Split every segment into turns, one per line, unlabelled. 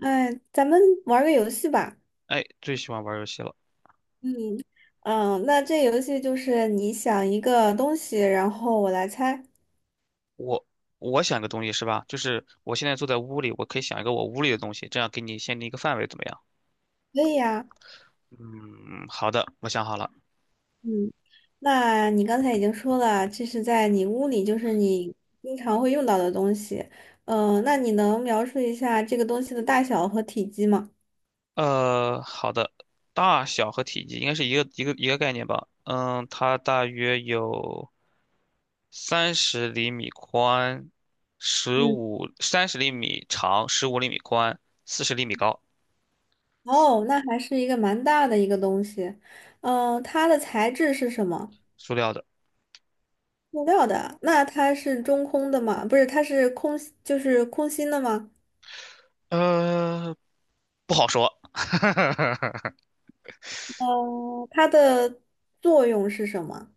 哎，咱们玩儿个游戏吧。
哎，最喜欢玩游戏了。
嗯，那这游戏就是你想一个东西，然后我来猜。
我我想个东西是吧？就是我现在坐在屋里，我可以想一个我屋里的东西，这样给你限定一个范围，怎么样？
可以呀。
嗯，好的，我想好了。
嗯，那你刚才已经说了，这是在你屋里，就是你经常会用到的东西。嗯，那你能描述一下这个东西的大小和体积吗？
好的，大小和体积应该是一个概念吧？嗯，它大约有三十厘米宽，
嗯，
三十厘米长，十五厘米宽，四十厘米高，
哦，那还是一个蛮大的一个东西。嗯，它的材质是什么？
塑料的。
塑料的。那它是中空的吗？不是，它是空，就是空心的吗？
呃，不好说。
嗯，它的作用是什么？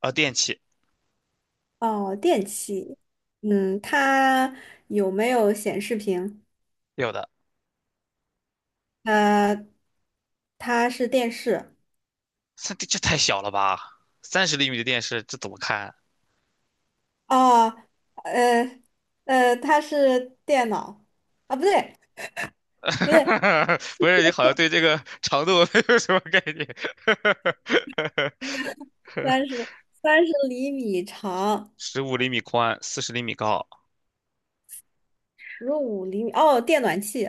电器
哦，电器。嗯，它有没有显示屏？
有的。
呃，它是电视。
这太小了吧？三十厘米的电视，这怎么看？
哦，呃，它是电脑。啊，不对，不对，
不是，你好像对这个长度没有什么概念。
三十三十厘米长，
十五厘米宽，40厘米高。
15厘米。哦，电暖气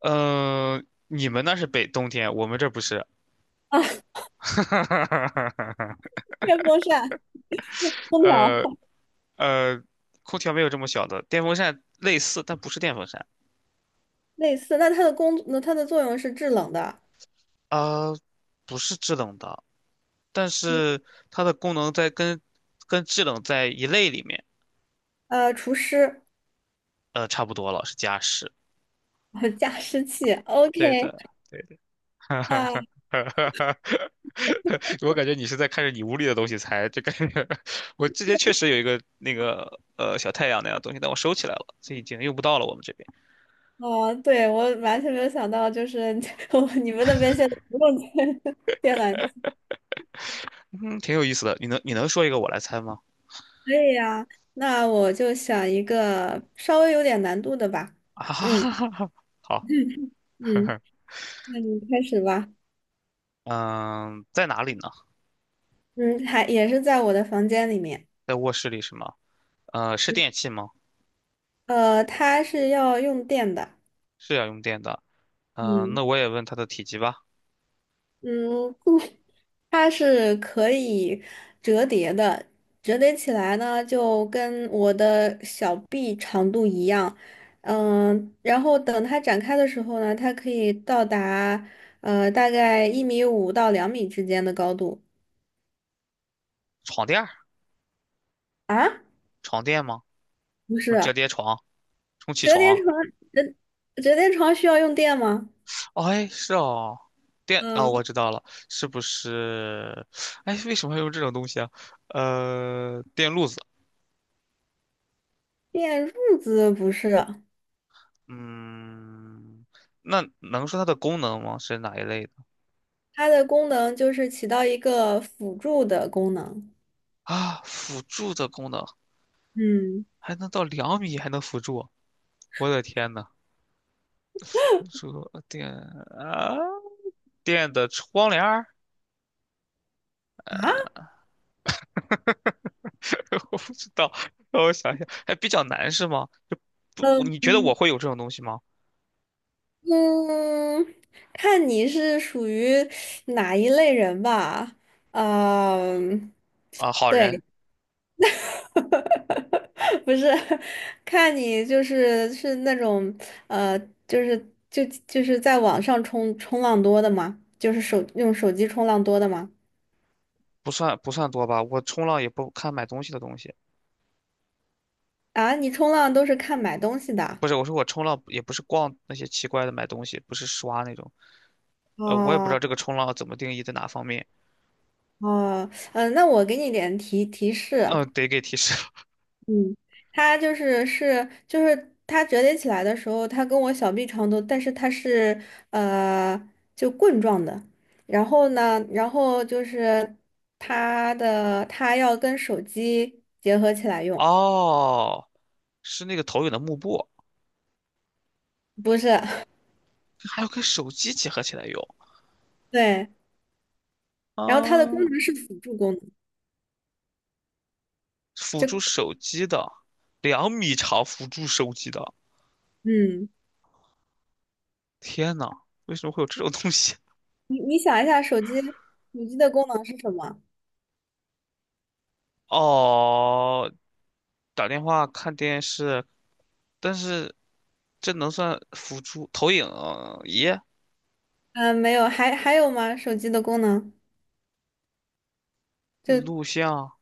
你们那是北冬天，我们这不是。
啊，电风扇、空调
呃呃，空调没有这么小的，电风扇类似，但不是电风扇。
类似。那它的工，那它的作用是制冷的。
啊、不是制冷的，但
嗯，
是它的功能在跟制冷在一类里面，
呃，除湿、
差不多了，是加湿。
加湿器。
对
OK。
的，对的，哈哈哈哈！哈，哈，我感觉你是在看着你屋里的东西猜，这感觉 我之前确实有一个那个小太阳那样的东西，但我收起来了，这已经用不到了。我们这边，
哦，对，我完全没有想到，就是 我你们那边现在不用电 电缆。
嗯，挺有意思的。你能说一个我来猜吗？
可以呀，那我就想一个稍微有点难度的吧。嗯
啊，好，
嗯，那你开始吧。
嗯，在哪里呢？
嗯，还也是在我的房间里面。
在卧室里是吗？是
嗯，
电器吗？
呃，它是要用电的。
是要用电的。
嗯。
那我也问它的体积吧。
嗯，不，它是可以折叠的，折叠起来呢就跟我的小臂长度一样，嗯，然后等它展开的时候呢，它可以到达呃大概1米5到两米之间的高度
床垫儿，
啊，
床垫吗？
不是，
折叠床，充气
折叠
床。
床折折叠床需要用电吗？
哎，是哦，电哦，
嗯，
我知道了，是不是？哎，为什么要用这种东西啊？电路子，
电褥子不是，
嗯，那能说它的功能吗？是哪一类的
它的功能就是起到一个辅助的功能。
啊？辅助的功能
嗯。
还能到两米，还能辅助啊，我的天呐，辅助电啊，电的窗帘儿，
啊。
我不知道，让我想想，还比较难是吗？就不，你觉得我
嗯，
会有这种东西吗？
嗯，看你是属于哪一类人吧。嗯，
啊，好人。
对。不是，看你就是是那种呃，就是就是在网上冲浪多的吗？就是手用手机冲浪多的吗？
不算不算多吧，我冲浪也不看买东西的东西，
啊，你冲浪都是看买东西的。
不是，我说我冲浪也不是逛那些奇怪的买东西，不是刷那种，我也不知
哦
道这个冲浪怎么定义在哪方面，
哦，嗯，那我给你点提示，
嗯，得给提示了
嗯，它就是是就是它折叠起来的时候，它跟我小臂长度，但是它是呃就棍状的。然后呢，然后就是它的它要跟手机结合起来 用，
哦，是那个投影的幕布，
不是。
还要跟手机结合起来用，
对。然后它的功
啊，
能是辅助功能，
辅
就
助手机的，两米长辅助手机的，
嗯，
天呐，为什么会有这种东西？
你你想一下，手机的功能是什么？
哦，打电话看电视，但是这能算辅助投影仪？
嗯、没有，还还有吗？手机的功能就
录像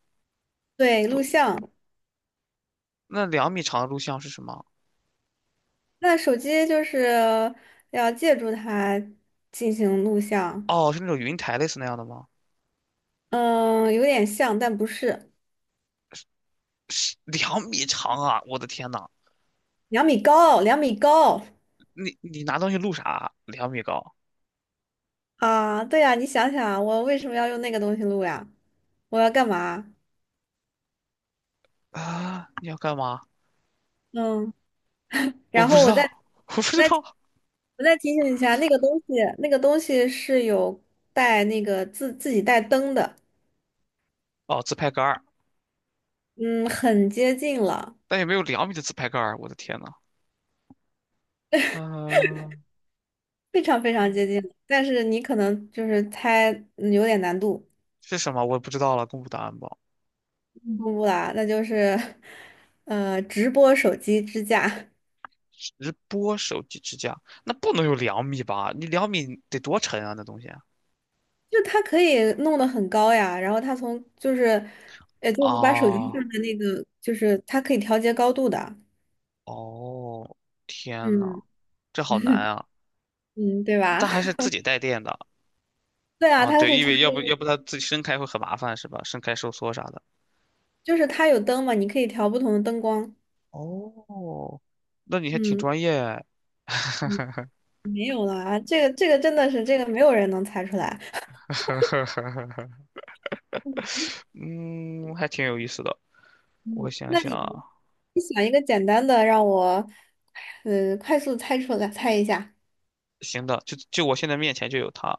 对录
不？
像。
那两米长的录像是什么？
那手机就是要借助它进行录像，
哦，是那种云台类似那样的吗？
嗯，有点像，但不是。
两米长啊！我的天呐，
两米高，两米高
你拿东西录啥？2米高
啊！对呀，你想想啊，我为什么要用那个东西录呀？我要干嘛？
啊？你要干嘛？
嗯，
我
然
不
后
知
我再
道，我不知
再
道。
我再提醒一下，那个东西，那个东西是有带那个自己带灯的，
哦，自拍杆儿，
嗯，很接近了，
但也没有两米的自拍杆儿。我的天呐，嗯、
非常非常
嗯
接近了但是你可能就是猜，嗯有点难度。
是什么？我也不知道了，公布答案吧。
不不啦，那就是，呃，直播手机支架，
直播手机支架，那不能有两米吧？你两米得多沉啊，那东西啊！
就它可以弄得很高呀。然后它从就是，呃，就是你把手机
啊
放在那个，就是它可以调节高度的。
哦，天呐，
嗯
这好难 啊！
嗯，对吧？
但还是 自己带电的
对啊，
啊，
它
对，
是
因
插
为
这个，
要不它自己伸开会很麻烦是吧？伸开收缩啥的。
就是它有灯嘛，你可以调不同的灯光。
哦，那你还挺
嗯
专业哎，
嗯，没有啦，这个这个真的是这个没有人能猜出来。
嗯，还挺有意思的。我
嗯，
想
那
想
你
啊，
你想一个简单的，让我，呃，快速猜出来，猜一下。
行的，就我现在面前就有它，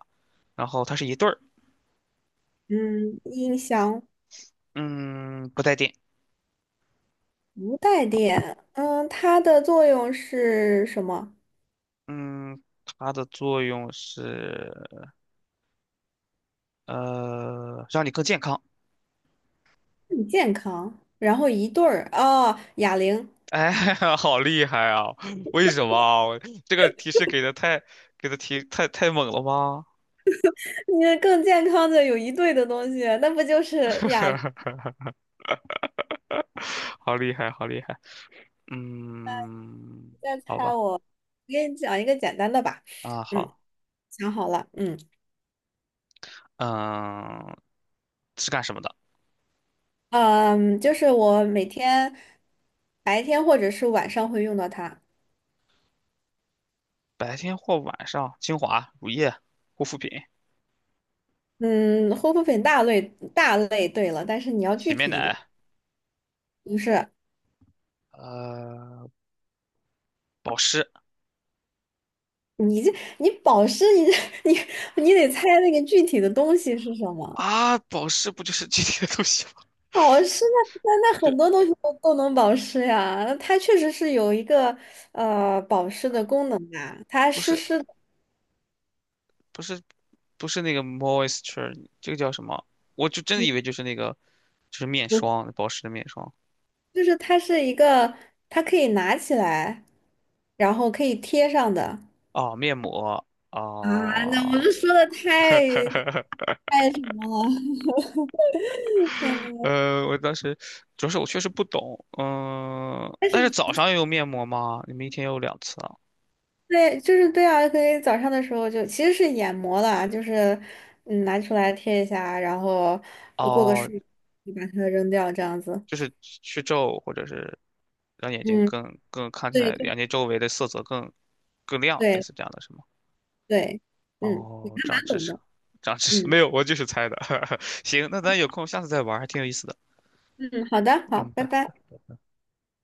然后它是一对儿，
嗯，音箱。
嗯，不带电，
无带电，嗯，它的作用是什么？
嗯，它的作用是让你更健康。
更健康，然后一对儿哦，哑铃。
哎，好厉害啊！为什么啊我这个提示给的提太猛了吗？
你这更健康的有一对的东西，那不就是 哑铃？
好厉害，好厉害。嗯，
再
好
猜
吧，
我，我给你讲一个简单的吧，
啊，
嗯，
好，
想好了，
嗯，是干什么的？
嗯，就是我每天白天或者是晚上会用到它，
白天或晚上？精华、乳液、护肤品、
嗯，护肤品大类，对了，但是你要
洗
具
面
体一点，
奶，
就是。
呃，保湿
你这你保湿，你这 你你得猜那个具体的东西是什么。
啊，保湿不就是这些东西吗？
保湿那
是
很多东西都能保湿呀，它确实是有一个呃保湿的功能啊，它
不
湿
是，
湿的，
不是，不是那个 moisture，这个叫什么？我就真的以
嗯
为就是那个，就是面
不是
霜，保湿的面霜。
就是它是一个，它可以拿起来，然后可以贴上的。
哦，面膜，
啊，那我
哦，
这说的太 太什么了？但嗯。
我当时主要是我确实不懂，但是早上也有面膜吗？你们一天有2次啊？
对，就是对啊，可以早上的时候就其实是眼膜啦，就是嗯拿出来贴一下，然后过个
哦，
数，你把它扔掉这样子。
就是去皱或者是让眼睛
嗯，
更看起
对，
来
就
眼睛周围的色泽更亮，类
对
似这样的是吗？
对，嗯，你
哦，
还
长
蛮
知
懂
识，
的。
长知识，
嗯
没有，我就是猜的。行，那咱有空下次再玩儿还挺有意思的。
嗯，好的，好，
嗯，
拜
拜。
拜。